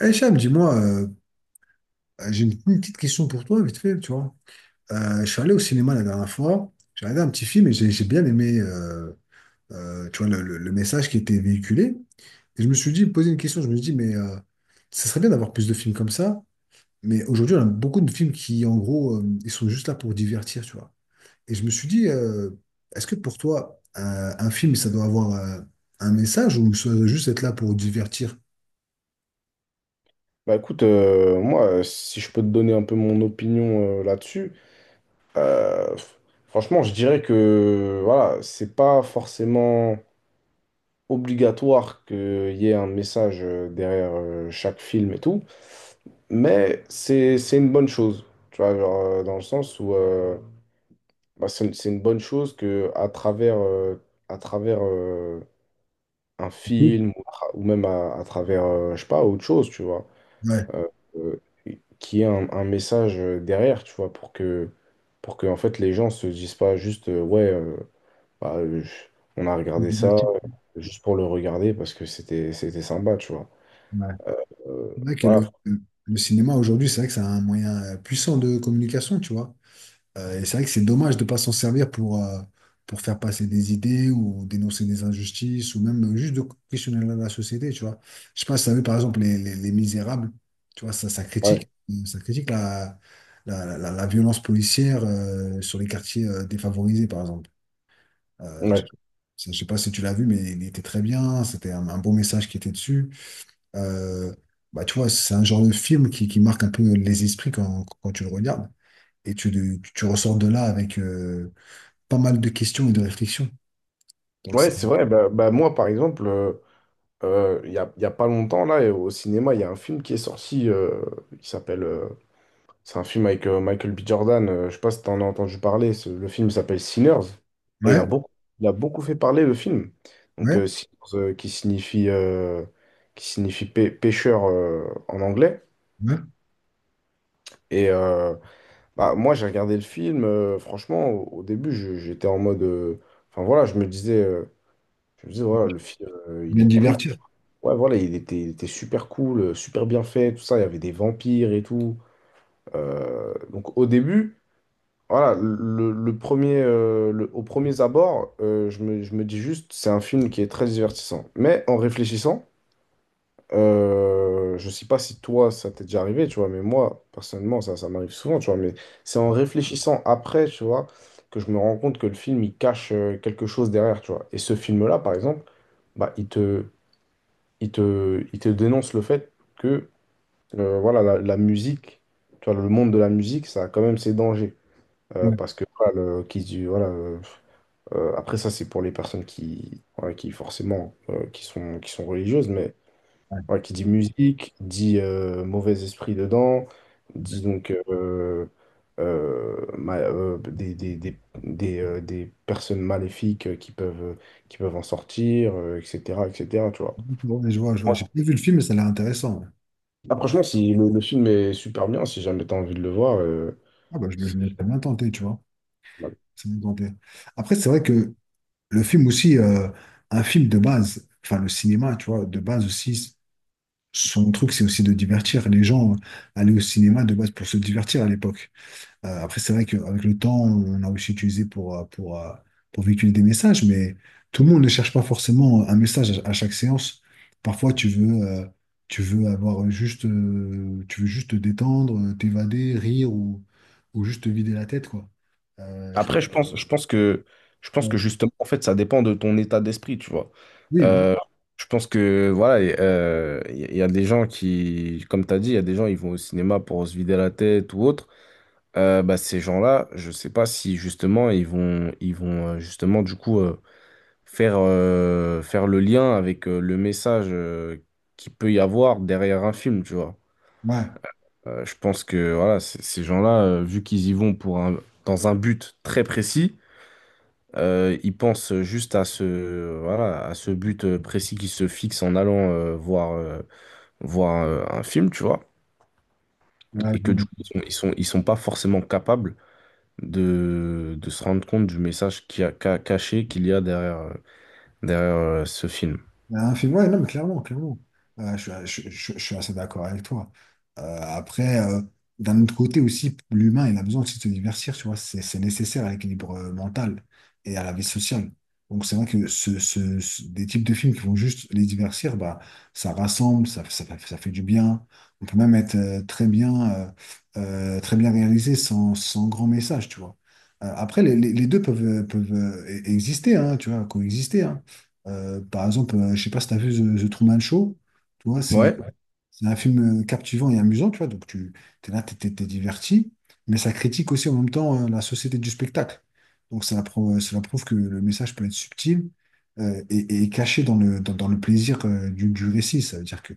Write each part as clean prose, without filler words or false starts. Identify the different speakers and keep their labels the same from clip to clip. Speaker 1: Eh Cham, dis-moi, j'ai une petite question pour toi, vite fait, tu vois. Je suis allé au cinéma la dernière fois, j'ai regardé un petit film et j'ai bien aimé tu vois, le message qui était véhiculé. Et je me suis dit, poser une question, je me suis dit, mais ça serait bien d'avoir plus de films comme ça, mais aujourd'hui, on a beaucoup de films qui, en gros, ils sont juste là pour divertir, tu vois. Et je me suis dit, est-ce que pour toi, un film, ça doit avoir un message ou ça doit juste être là pour divertir?
Speaker 2: Bah écoute, moi, si je peux te donner un peu mon opinion là-dessus, euh, f- franchement, je dirais que voilà, c'est pas forcément obligatoire qu'il y ait un message derrière chaque film et tout, mais c'est une bonne chose, tu vois, genre, dans le sens où bah, c'est une bonne chose que à travers à travers euh, un
Speaker 1: Oui.
Speaker 2: film ou, ou même à travers je sais pas autre chose, tu vois.
Speaker 1: Ouais,
Speaker 2: euh, euh, Qu'il y ait un message derrière, tu vois, pour que en fait, les gens se disent pas juste, ouais, bah, euh, je- on a
Speaker 1: pour
Speaker 2: regardé ça
Speaker 1: divertir.
Speaker 2: juste pour le regarder parce que c'était, c'était sympa, tu vois.
Speaker 1: Ouais.
Speaker 2: Euh,
Speaker 1: C'est vrai que
Speaker 2: voilà,
Speaker 1: le cinéma aujourd'hui, c'est vrai que c'est un moyen puissant de communication, tu vois. Et c'est vrai que c'est dommage de ne pas s'en servir pour faire passer des idées ou dénoncer des injustices ou même juste de questionner la société, tu vois. Je sais pas si tu as vu par exemple Les Misérables, tu vois,
Speaker 2: ouais,
Speaker 1: ça critique la violence policière sur les quartiers défavorisés, par exemple. Euh, je,
Speaker 2: ouais.
Speaker 1: je sais pas si tu l'as vu, mais il était très bien, c'était un beau message qui était dessus. Euh, Bah, tu vois, c'est un genre de film qui marque un peu les esprits quand tu le regardes. Et tu ressors de là avec pas mal de questions et de réflexions. Donc,
Speaker 2: Ouais, c'est vrai, bah, bah, moi, par exemple, il y a pas longtemps, là, au cinéma, il y a un film qui est sorti qui s'appelle... c'est un film avec Michael B. Jordan. Je sais pas si t'en as entendu parler. Le film s'appelle Sinners. Et il a
Speaker 1: ouais,
Speaker 2: beaucoup, il a beaucoup fait parler le film. Donc,
Speaker 1: ouais,
Speaker 2: Sinners, qui signifie pêcheur en anglais.
Speaker 1: ouais.
Speaker 2: Et bah, moi, j'ai regardé le film. Franchement, au, au début, j'étais en mode. Enfin, voilà, je me disais,
Speaker 1: Tu
Speaker 2: voilà, le film, il
Speaker 1: viens de
Speaker 2: est cool.
Speaker 1: divertir.
Speaker 2: Ouais, voilà, il était super cool, super bien fait, tout ça. Il y avait des vampires et tout. Donc, au début. Voilà, le premier, au premier abord, je me dis juste, c'est un film qui est très divertissant. Mais en réfléchissant, je sais pas si toi, ça t'est déjà arrivé, tu vois, mais moi, personnellement, ça m'arrive souvent, tu vois, mais c'est en réfléchissant après, tu vois, que je me rends compte que le film, il cache quelque chose derrière, tu vois. Et ce film-là, par exemple, bah, il te, il te, il te dénonce le fait que, voilà, la musique, tu vois, le monde de la musique, ça a quand même ses dangers.
Speaker 1: Ouais,
Speaker 2: Parce que voilà, le, qui se dit, voilà, après ça c'est pour les personnes qui, voilà, qui forcément qui sont religieuses, mais
Speaker 1: ouais,
Speaker 2: voilà, qui dit musique, dit mauvais esprit dedans,
Speaker 1: ouais.
Speaker 2: dit donc des personnes maléfiques qui peuvent en sortir, etc., etc., tu vois.
Speaker 1: Ouais, je vois, je vois.
Speaker 2: Ouais.
Speaker 1: J'ai pas vu le film, mais ça a l'air intéressant. Ouais.
Speaker 2: Ah, franchement, si le, le film est super bien, si jamais t'as envie de le voir,
Speaker 1: Ah, bah, je
Speaker 2: si,
Speaker 1: me laisse bien tenté, tu vois. C'est bien tenté. Après, c'est vrai que le film aussi, un film de base, enfin, le cinéma, tu vois, de base aussi, son truc, c'est aussi de divertir les gens. Aller au cinéma de base pour se divertir à l'époque. Après, c'est vrai qu'avec le temps, on a aussi utilisé pour, pour véhiculer des messages, mais tout le monde ne cherche pas forcément un message à chaque séance. Parfois, tu veux avoir juste, tu veux juste te détendre, t'évader, ou juste te vider la tête, quoi. Euh, je-
Speaker 2: Après, je pense que
Speaker 1: Ouais.
Speaker 2: justement, en fait, ça dépend de ton état d'esprit, tu vois.
Speaker 1: Oui, voilà.
Speaker 2: Euh, je pense que, voilà, et, il y, a des gens qui, comme tu as dit, il y a des gens, ils vont au cinéma pour se vider la tête ou autre. Bah, ces gens-là, je sais pas si justement, ils vont justement, du coup, faire, faire le lien avec le message qu'il peut y avoir derrière un film, tu vois. Je pense que, voilà, ces gens-là, vu qu'ils y vont pour un, dans un but très précis, il pense juste à ce, voilà, à ce but précis qu'il se fixe en allant voir, voir un film, tu vois,
Speaker 1: Ouais. Ouais, je
Speaker 2: et que
Speaker 1: vois.
Speaker 2: du coup, ils sont, ils sont, ils sont pas forcément capables de se rendre compte du message qui a, caché qu'il y a derrière, derrière ce film.
Speaker 1: Un film, ouais, non, mais clairement, clairement. Je suis assez d'accord avec toi. Après, d'un autre côté aussi, l'humain, il a besoin aussi de se divertir, tu vois. C'est nécessaire à l'équilibre mental et à la vie sociale. Donc, c'est vrai que des types de films qui vont juste les divertir, bah, ça rassemble, ça fait du bien. On peut même être très bien réalisé sans grand message, tu vois. Après, les deux peuvent, peuvent exister, hein, tu vois, coexister, hein. Par exemple, je sais pas si tu as vu The Truman Show, tu vois,
Speaker 2: Ouais,
Speaker 1: c'est un film captivant et amusant, tu vois. Donc, tu es là, tu es, diverti, mais ça critique aussi en même temps la société du spectacle. Donc, c'est la que le message peut être subtil et caché dans dans le plaisir du récit. Ça veut dire que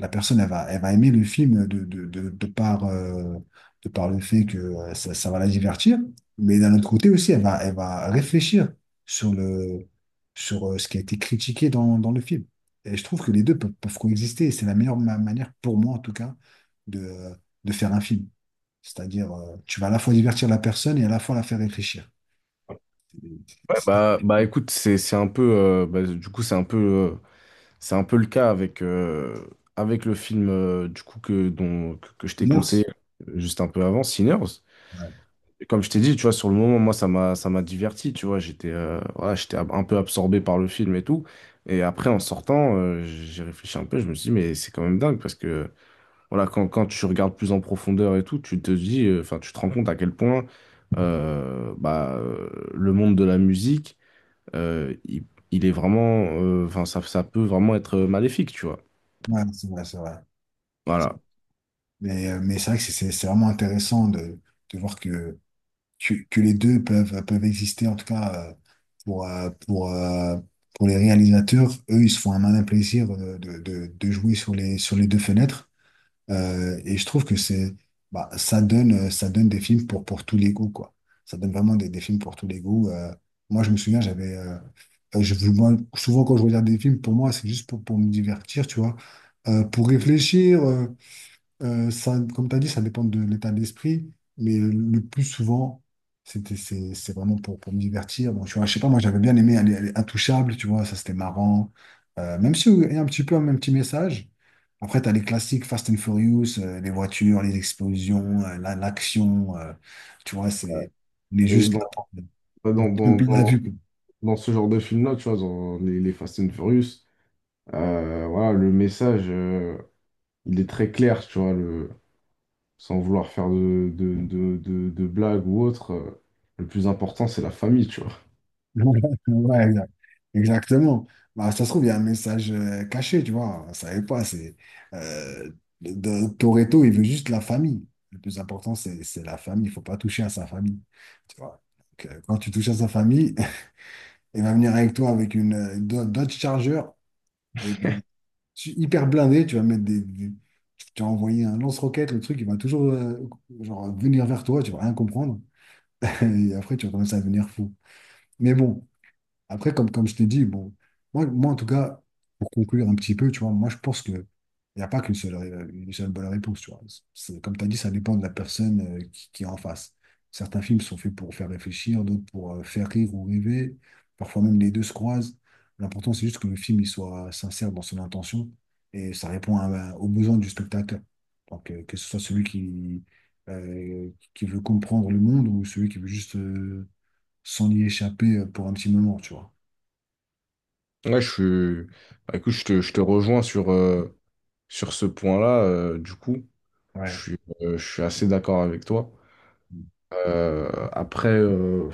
Speaker 1: la personne, elle va aimer le film de par le fait que ça va la divertir, mais d'un autre côté aussi, elle va réfléchir sur le, sur ce qui a été critiqué dans le film. Et je trouve que les deux peuvent, peuvent coexister. Et c'est la meilleure manière, pour moi en tout cas, de, de faire un film. C'est-à-dire, tu vas à la fois divertir la personne et à la fois la faire réfléchir.
Speaker 2: ouais,
Speaker 1: C'est c'est-
Speaker 2: bah, bah écoute, c'est un peu, bah, du coup, c'est un peu le cas avec, avec le film, du coup, que, dont, que je t'ai
Speaker 1: une
Speaker 2: conseillé
Speaker 1: art.
Speaker 2: juste un peu avant, Sinners.
Speaker 1: Ouais,
Speaker 2: Et comme je t'ai dit, tu vois, sur le moment, moi, ça m'a diverti, tu vois. J'étais voilà, j'étais un peu absorbé par le film et tout. Et après, en sortant, j'ai réfléchi un peu. Je me suis dit, mais c'est quand même dingue parce que, voilà, quand, quand tu regardes plus en profondeur et tout, tu te dis, enfin, tu te rends compte à quel point bah, le monde de la musique, euh, il, il est vraiment, enfin, ça peut vraiment être maléfique, tu vois.
Speaker 1: ouais, c'est vrai, c'est vrai.
Speaker 2: Voilà.
Speaker 1: Mais c'est vrai que c'est vraiment intéressant de voir que les deux peuvent, peuvent exister, en tout cas pour, pour les réalisateurs. Eux, ils se font un malin plaisir de jouer sur sur les deux fenêtres. Et je trouve que c'est, bah, ça donne des films pour tous les goûts, quoi. Ça donne vraiment des films pour tous les goûts. Moi, je me souviens, moi, souvent quand je regarde des films, pour moi, c'est juste pour me divertir, tu vois. Pour réfléchir. Ça, comme tu as dit, ça dépend de l'état d'esprit, mais le plus souvent, c'est vraiment pour me divertir. Bon, tu vois, je sais pas, moi j'avais bien aimé aller Intouchable, tu vois, ça c'était marrant. Même si il y a un petit peu un même petit message. Après, tu as les classiques Fast and Furious, les voitures, les explosions, l'action, tu vois, c'est, on est
Speaker 2: Et
Speaker 1: juste là,
Speaker 2: dans,
Speaker 1: un
Speaker 2: dans,
Speaker 1: peu la
Speaker 2: dans,
Speaker 1: vue.
Speaker 2: dans ce genre de film-là, tu vois, dans les Fast and Furious, voilà, le message, il est très clair, tu vois, le, sans vouloir faire de blagues ou autre. Le plus important, c'est la famille, tu vois.
Speaker 1: Ouais, exact. Exactement. Bah, ça se trouve, il y a un message caché, tu vois. On ne savait pas. C'est, euh, de, Toretto, il veut juste la famille. Le plus important, c'est la famille. Il ne faut pas toucher à sa famille. Tu vois. Donc, quand tu touches à sa famille, il va venir avec toi avec Dodge Charger et, bon, hyper blindé. Tu vas mettre tu vas envoyer un lance-roquette. Le truc, il va toujours genre, venir vers toi. Tu vas rien comprendre. Et après, tu vas commencer à devenir fou. Mais bon. Après, comme je t'ai dit, bon, moi, en tout cas, pour conclure un petit peu, tu vois, moi, je pense que il n'y a pas qu'une seule, une seule bonne réponse, tu vois. C'est- comme tu as dit, ça dépend de la personne qui est en face. Certains films sont faits pour faire réfléchir, d'autres pour faire rire ou rêver. Parfois même les deux se croisent. L'important, c'est juste que le film il soit sincère dans son intention et ça répond à- aux besoins du spectateur. Donc, que ce soit celui qui veut comprendre le monde ou celui qui veut juste s'en y échapper pour un petit moment, tu vois.
Speaker 2: Ouais, je suis. Bah, écoute, je te rejoins sur, sur ce point-là. Du coup,
Speaker 1: Ouais.
Speaker 2: je suis assez d'accord avec toi. Après, euh,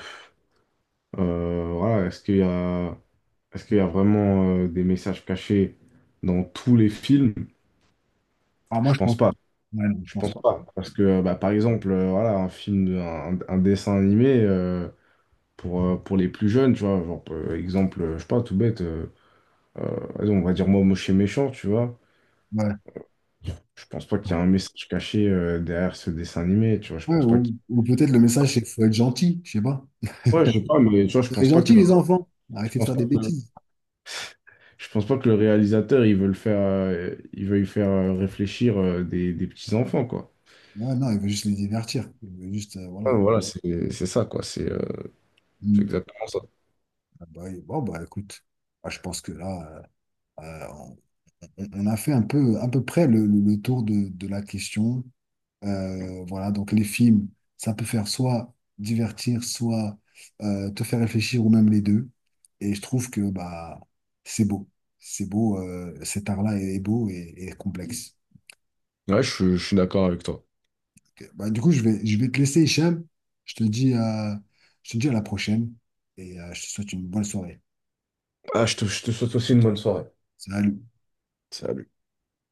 Speaker 2: euh, voilà, est-ce qu'il y a, est-ce qu'il y a vraiment des messages cachés dans tous les films?
Speaker 1: Ah, moi,
Speaker 2: Je
Speaker 1: je
Speaker 2: pense
Speaker 1: pense.
Speaker 2: pas.
Speaker 1: Ouais, non, je
Speaker 2: Je
Speaker 1: pense
Speaker 2: pense
Speaker 1: pas.
Speaker 2: pas, parce que bah, par exemple, voilà, un film, un dessin animé pour les plus jeunes, tu vois, genre, exemple, je sais pas, tout bête, vas-y, on va dire moi, moche et méchant, tu vois.
Speaker 1: Ouais.
Speaker 2: Je pense pas qu'il y a un message caché derrière ce dessin animé, tu vois. Je
Speaker 1: Ouais,
Speaker 2: pense pas qu'il...
Speaker 1: ou peut-être le message, c'est qu'il faut être gentil, je sais pas.
Speaker 2: Ouais, je sais pas, mais tu vois, je
Speaker 1: Soyez
Speaker 2: pense pas que
Speaker 1: gentils,
Speaker 2: le...
Speaker 1: les enfants.
Speaker 2: je
Speaker 1: Arrêtez de
Speaker 2: pense
Speaker 1: faire
Speaker 2: pas
Speaker 1: des
Speaker 2: que
Speaker 1: bêtises.
Speaker 2: je pense pas que le réalisateur, il veut le faire, il veuille faire réfléchir des petits enfants, quoi.
Speaker 1: Ouais, non, il veut juste les divertir. Il veut juste,
Speaker 2: Ouais,
Speaker 1: voilà.
Speaker 2: voilà, c'est ça, quoi. C'est
Speaker 1: Mm.
Speaker 2: exactement ça.
Speaker 1: Ah bah, bon, bah, écoute, bah, je pense que là, euh, euh, on, on a fait un peu, à peu près le tour de la question. Voilà, donc les films, ça peut faire soit divertir, soit te faire réfléchir, ou même les deux. Et je trouve que bah, c'est beau. C'est beau, cet art-là est beau et complexe.
Speaker 2: Ouais, je suis d'accord avec toi.
Speaker 1: Ok. Bah, du coup, je vais te laisser, Hicham. Je te dis, à la prochaine et je te souhaite une bonne soirée.
Speaker 2: Ah, je te souhaite aussi une bonne soirée.
Speaker 1: Salut.
Speaker 2: Salut.